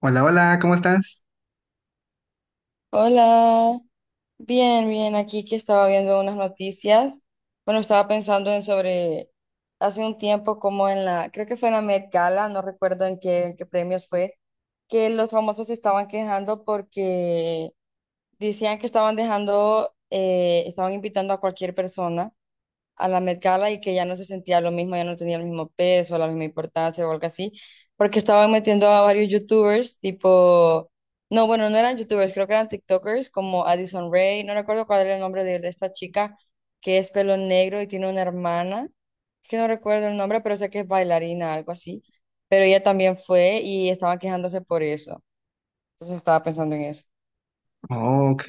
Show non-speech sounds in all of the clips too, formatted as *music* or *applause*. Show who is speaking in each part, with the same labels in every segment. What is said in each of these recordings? Speaker 1: Hola, hola, ¿cómo estás?
Speaker 2: Hola, bien, bien, aquí que estaba viendo unas noticias. Bueno, estaba pensando en sobre hace un tiempo como en la, creo que fue en la Met Gala, no recuerdo en qué premios fue, que los famosos se estaban quejando porque decían que estaban dejando, estaban invitando a cualquier persona a la Met Gala y que ya no se sentía lo mismo, ya no tenía el mismo peso, la misma importancia o algo así, porque estaban metiendo a varios youtubers, tipo, no, bueno, no eran youtubers, creo que eran TikTokers, como Addison Rae, no recuerdo cuál era el nombre de esta chica que es pelo negro y tiene una hermana, es que no recuerdo el nombre, pero sé que es bailarina, algo así, pero ella también fue y estaban quejándose por eso, entonces estaba pensando en eso.
Speaker 1: Oh, ok.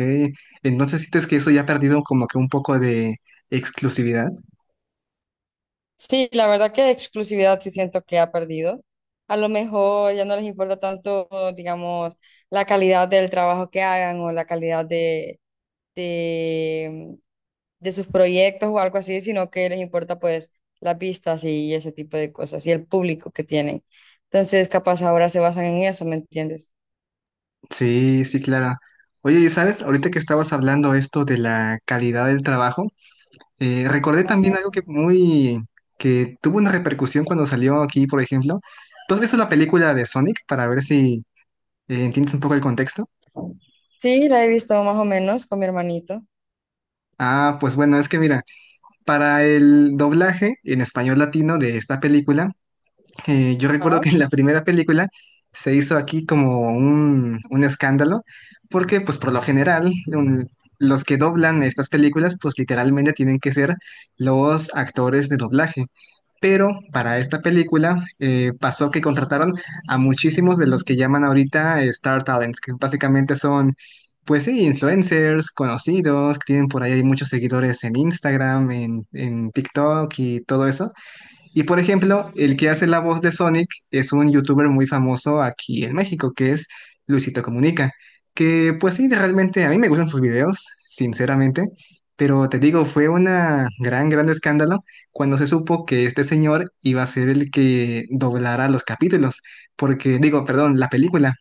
Speaker 1: Entonces, ¿sientes que eso ya ha perdido como que un poco de exclusividad?
Speaker 2: Sí, la verdad que de exclusividad sí siento que ha perdido. A lo mejor ya no les importa tanto, digamos, la calidad del trabajo que hagan o la calidad de, de sus proyectos o algo así, sino que les importa pues las vistas y ese tipo de cosas y el público que tienen. Entonces, capaz ahora se basan en eso, ¿me entiendes?
Speaker 1: Sí, sí, claro. Oye, y sabes, ahorita que estabas hablando esto de la calidad del trabajo, recordé también
Speaker 2: Ajá.
Speaker 1: algo que muy, que tuvo una repercusión cuando salió aquí, por ejemplo. ¿Tú has visto la película de Sonic para ver si entiendes un poco el contexto?
Speaker 2: Sí, la he visto más o menos con mi hermanito.
Speaker 1: Ah, pues bueno, es que mira, para el doblaje en español latino de esta película. Yo recuerdo que en la primera película se hizo aquí como un escándalo, porque pues por lo general los que doblan estas películas pues literalmente tienen que ser los actores de doblaje. Pero para esta película pasó que contrataron a muchísimos de los que llaman ahorita Star Talents, que básicamente son, pues sí, influencers conocidos, que tienen por ahí muchos seguidores en Instagram, en TikTok y todo eso. Y por ejemplo, el que hace la voz de Sonic es un youtuber muy famoso aquí en México, que es Luisito Comunica, que pues sí, realmente a mí me gustan sus videos, sinceramente, pero te digo, fue una gran, gran escándalo cuando se supo que este señor iba a ser el que doblara los capítulos, porque digo, perdón, la película,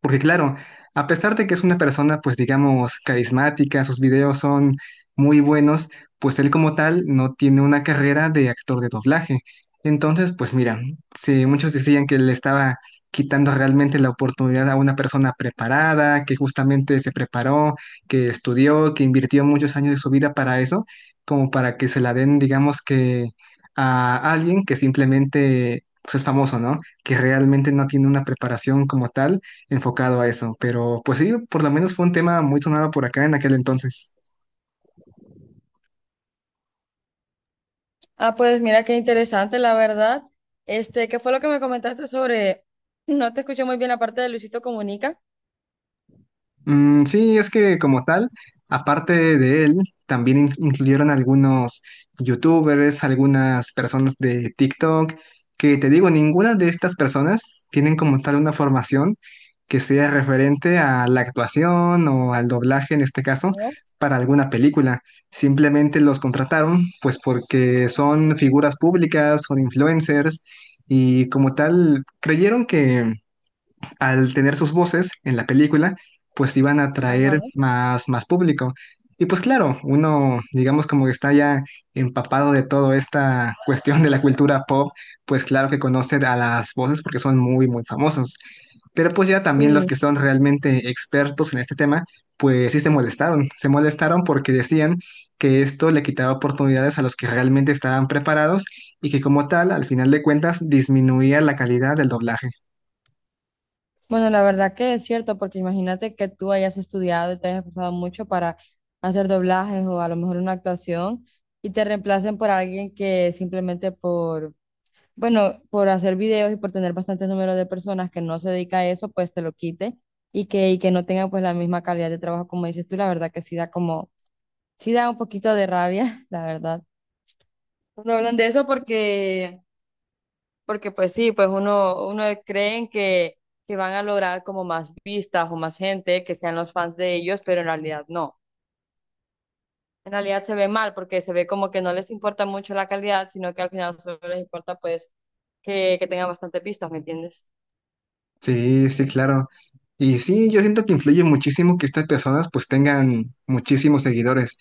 Speaker 1: porque claro, a pesar de que es una persona, pues digamos, carismática, sus videos son muy buenos, pues él como tal no tiene una carrera de actor de doblaje. Entonces, pues mira, si muchos decían que le estaba quitando realmente la oportunidad a una persona preparada, que justamente se preparó, que estudió, que invirtió muchos años de su vida para eso, como para que se la den, digamos que a alguien que simplemente pues, es famoso, ¿no? Que realmente no tiene una preparación como tal enfocado a eso. Pero pues sí, por lo menos fue un tema muy sonado por acá en aquel entonces.
Speaker 2: Ah, pues mira qué interesante, la verdad. Este, ¿qué fue lo que me comentaste sobre? No te escuché muy bien la parte de Luisito Comunica.
Speaker 1: Mm, sí, es que como tal, aparte de él, también incluyeron algunos youtubers, algunas personas de TikTok, que te digo, ninguna de estas personas tienen como tal una formación que sea referente a la actuación o al doblaje en este caso
Speaker 2: ¿No?
Speaker 1: para alguna película. Simplemente los contrataron pues porque son figuras públicas, son influencers y como tal creyeron al tener sus voces en la película, pues iban a
Speaker 2: Ajá.
Speaker 1: atraer más, más público. Y pues claro, uno, digamos como que está ya empapado de toda esta *laughs* cuestión de la cultura pop, pues claro que conoce a las voces porque son muy, muy famosos. Pero pues ya también los
Speaker 2: Sí.
Speaker 1: que son realmente expertos en este tema, pues sí se molestaron. Se molestaron porque decían que esto le quitaba oportunidades a los que realmente estaban preparados y que como tal, al final de cuentas, disminuía la calidad del doblaje.
Speaker 2: Bueno, la verdad que es cierto, porque imagínate que tú hayas estudiado y te hayas esforzado mucho para hacer doblajes o a lo mejor una actuación y te reemplacen por alguien que simplemente por, bueno, por hacer videos y por tener bastantes números de personas que no se dedica a eso, pues te lo quite y que no tenga pues la misma calidad de trabajo como dices tú, la verdad que sí da como sí da un poquito de rabia, *laughs* la verdad. No hablan de eso porque pues sí, pues uno creen que van a lograr como más vistas o más gente, que sean los fans de ellos, pero en realidad no. En realidad se ve mal porque se ve como que no les importa mucho la calidad, sino que al final solo les importa pues que tengan bastantes vistas, ¿me entiendes?
Speaker 1: Sí, sí, claro. Y sí, yo siento que influye muchísimo que estas personas pues tengan muchísimos seguidores.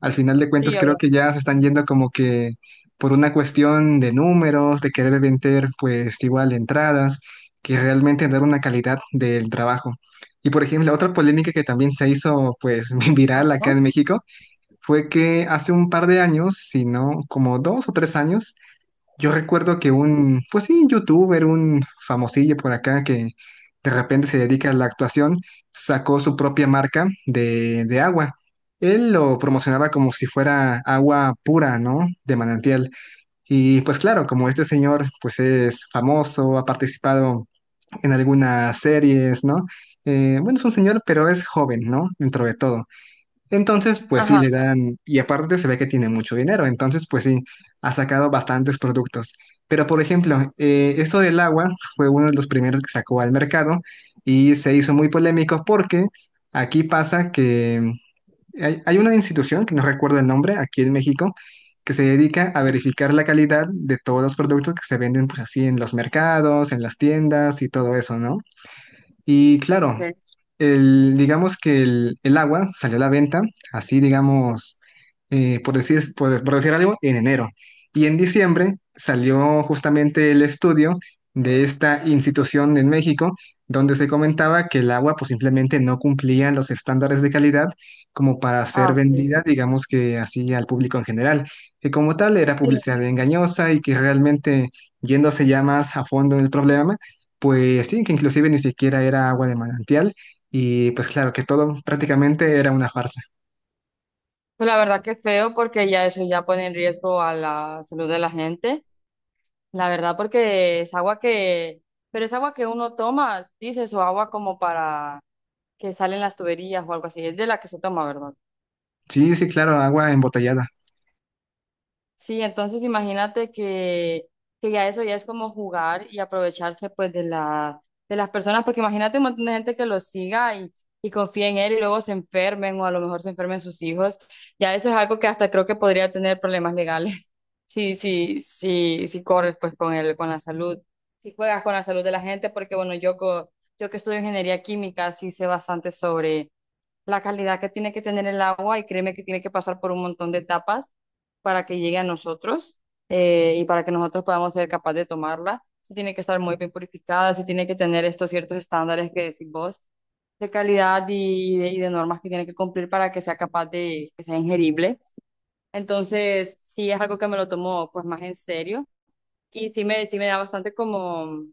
Speaker 1: Al final de cuentas
Speaker 2: Sí,
Speaker 1: creo
Speaker 2: obvio.
Speaker 1: que ya se están yendo como que por una cuestión de números, de querer vender pues igual entradas, que realmente dar una calidad del trabajo. Y por ejemplo, otra polémica que también se hizo pues *laughs* viral acá
Speaker 2: Ajá.
Speaker 1: en México fue que hace un par de años, si no como dos o tres años, yo recuerdo que un, pues sí, youtuber, un famosillo por acá que de repente se dedica a la actuación, sacó su propia marca de agua. Él lo promocionaba como si fuera agua pura, ¿no? De manantial. Y pues claro, como este señor pues es famoso, ha participado en algunas series, ¿no? Bueno, es un señor, pero es joven, ¿no? Dentro de todo. Entonces, pues sí,
Speaker 2: Ajá.
Speaker 1: le dan, y aparte se ve que tiene mucho dinero, entonces, pues sí, ha sacado bastantes productos. Pero, por ejemplo, esto del agua fue uno de los primeros que sacó al mercado y se hizo muy polémico porque aquí pasa que hay una institución, que no recuerdo el nombre, aquí en México, que se dedica a verificar la calidad de todos los productos que se venden, pues así, en los mercados, en las tiendas y todo eso, ¿no? Y claro,
Speaker 2: Okay.
Speaker 1: el, digamos que el agua salió a la venta, así digamos, por decir algo, en enero. Y en diciembre salió justamente el estudio de esta institución en México, donde se comentaba que el agua pues simplemente no cumplía los estándares de calidad como para ser
Speaker 2: Ah, okay.
Speaker 1: vendida, digamos que así al público en general, que como tal era
Speaker 2: Sí.
Speaker 1: publicidad engañosa y que realmente yéndose ya más a fondo en el problema, pues sí, que inclusive ni siquiera era agua de manantial y pues claro, que todo prácticamente era una farsa.
Speaker 2: Pues la verdad que es feo porque ya eso ya pone en riesgo a la salud de la gente. La verdad, porque es agua pero es agua que uno toma, dices, o agua como para que salen las tuberías o algo así, es de la que se toma, ¿verdad?
Speaker 1: Sí, sí, claro, agua embotellada.
Speaker 2: Sí, entonces imagínate que ya eso ya es como jugar y aprovecharse pues de la, de las personas, porque imagínate un montón de gente que lo siga y confíe en él y luego se enfermen o a lo mejor se enfermen sus hijos, ya eso es algo que hasta creo que podría tener problemas legales. Sí, sí, sí, sí corres pues con el, con la salud, si juegas con la salud de la gente, porque bueno, yo, yo que estudio ingeniería química, sí sé bastante sobre la calidad que tiene que tener el agua y créeme que tiene que pasar por un montón de etapas para que llegue a nosotros y para que nosotros podamos ser capaces de tomarla. Sí tiene que estar muy bien purificada, sí tiene que tener estos ciertos estándares que decís vos de calidad y de normas que tiene que cumplir para que sea capaz de, que sea ingerible. Entonces, sí es algo que me lo tomó pues más en serio y sí me da bastante como,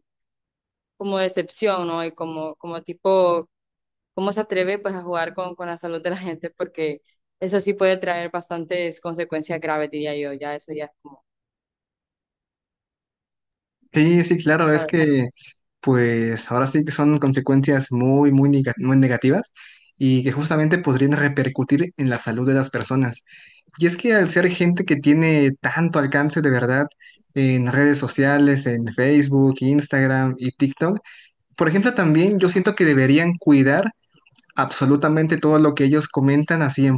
Speaker 2: como decepción, ¿no? Y como, como tipo, cómo se atreve pues a jugar con la salud de la gente porque eso sí puede traer bastantes consecuencias graves, diría yo, ya eso ya es como,
Speaker 1: Sí, sí, claro, es
Speaker 2: ¿sabes?
Speaker 1: que pues ahora sí que son consecuencias muy, muy, muy negativas y que justamente podrían repercutir en la salud de las personas. Y es que al ser gente que tiene tanto alcance de verdad en redes sociales, en Facebook, Instagram y TikTok, por ejemplo, también yo siento que deberían cuidar absolutamente todo lo que ellos comentan así en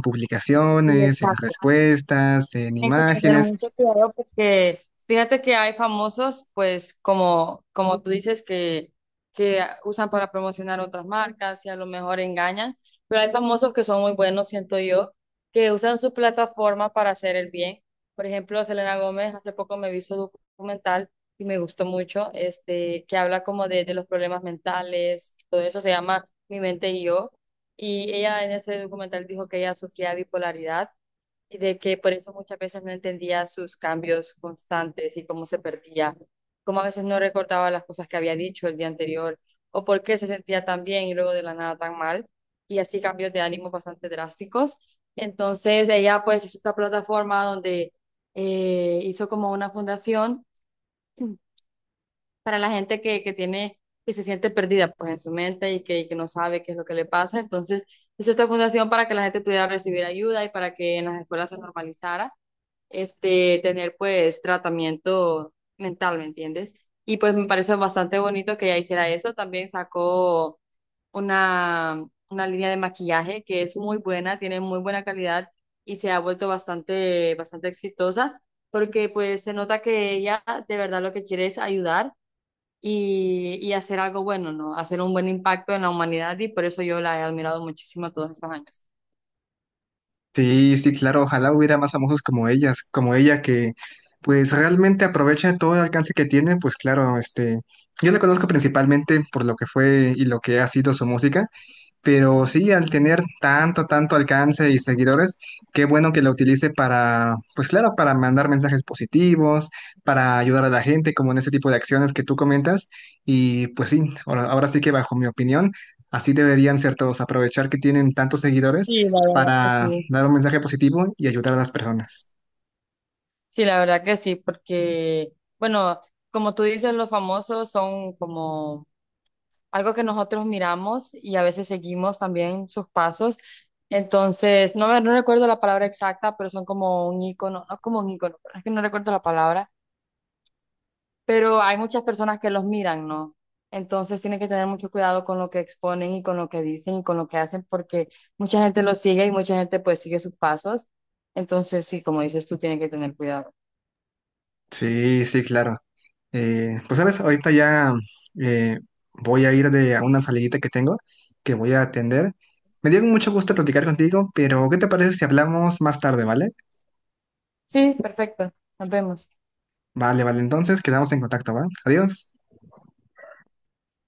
Speaker 2: Sí,
Speaker 1: publicaciones, en
Speaker 2: exacto.
Speaker 1: respuestas, en
Speaker 2: Hay que tener
Speaker 1: imágenes.
Speaker 2: mucho cuidado porque fíjate que hay famosos, pues como, como tú dices, que usan para promocionar otras marcas y a lo mejor engañan, pero hay famosos que son muy buenos, siento yo, que usan su plataforma para hacer el bien. Por ejemplo, Selena Gómez, hace poco me vi su documental y me gustó mucho, este, que habla como de los problemas mentales, todo eso se llama Mi mente y yo, y ella en ese documental dijo que ella sufría bipolaridad y de que por eso muchas veces no entendía sus cambios constantes y cómo se perdía, cómo a veces no recordaba las cosas que había dicho el día anterior o por qué se sentía tan bien y luego de la nada tan mal y así cambios de ánimo bastante drásticos. Entonces ella pues hizo esta plataforma donde hizo como una fundación para la gente que tiene, que se siente perdida pues en su mente y que no sabe qué es lo que le pasa. Entonces hizo esta fundación para que la gente pudiera recibir ayuda y para que en las escuelas se normalizara este, tener pues tratamiento mental, ¿me entiendes? Y pues me parece bastante bonito que ella hiciera eso. También sacó una, una línea de maquillaje que es muy buena, tiene muy buena calidad y se ha vuelto bastante, bastante exitosa porque pues se nota que ella de verdad lo que quiere es ayudar y hacer algo bueno, ¿no? Hacer un buen impacto en la humanidad y por eso yo la he admirado muchísimo todos estos años.
Speaker 1: Sí, sí, claro, ojalá hubiera más famosos como ellas, como ella que pues realmente aprovecha todo el alcance que tiene, pues claro, este, yo la conozco principalmente por lo que fue y lo que ha sido su música. Pero sí, al tener tanto, tanto alcance y seguidores, qué bueno que la utilice para, pues claro, para mandar mensajes positivos, para ayudar a la gente, como en ese tipo de acciones que tú comentas. Y pues sí, ahora, ahora sí que bajo mi opinión, así deberían ser todos, aprovechar que tienen tantos seguidores
Speaker 2: Sí, la verdad que
Speaker 1: para
Speaker 2: sí.
Speaker 1: dar un mensaje positivo y ayudar a las personas.
Speaker 2: Sí, la verdad que sí, porque, bueno, como tú dices, los famosos son como algo que nosotros miramos y a veces seguimos también sus pasos. Entonces, no recuerdo la palabra exacta, pero son como un ícono, no como un ícono, pero es que no recuerdo la palabra, pero hay muchas personas que los miran, ¿no? Entonces, tienen que tener mucho cuidado con lo que exponen y con lo que dicen y con lo que hacen, porque mucha gente los sigue y mucha gente pues sigue sus pasos. Entonces, sí, como dices, tú tienes que tener cuidado.
Speaker 1: Sí, sí, claro. Pues sabes, ahorita ya eh, voy a ir de a una salidita que tengo, que voy a atender. Me dio mucho gusto platicar contigo, pero ¿qué te parece si hablamos más tarde, vale?
Speaker 2: Sí, perfecto. Nos vemos.
Speaker 1: Vale, vale, entonces quedamos en contacto, ¿va? Adiós.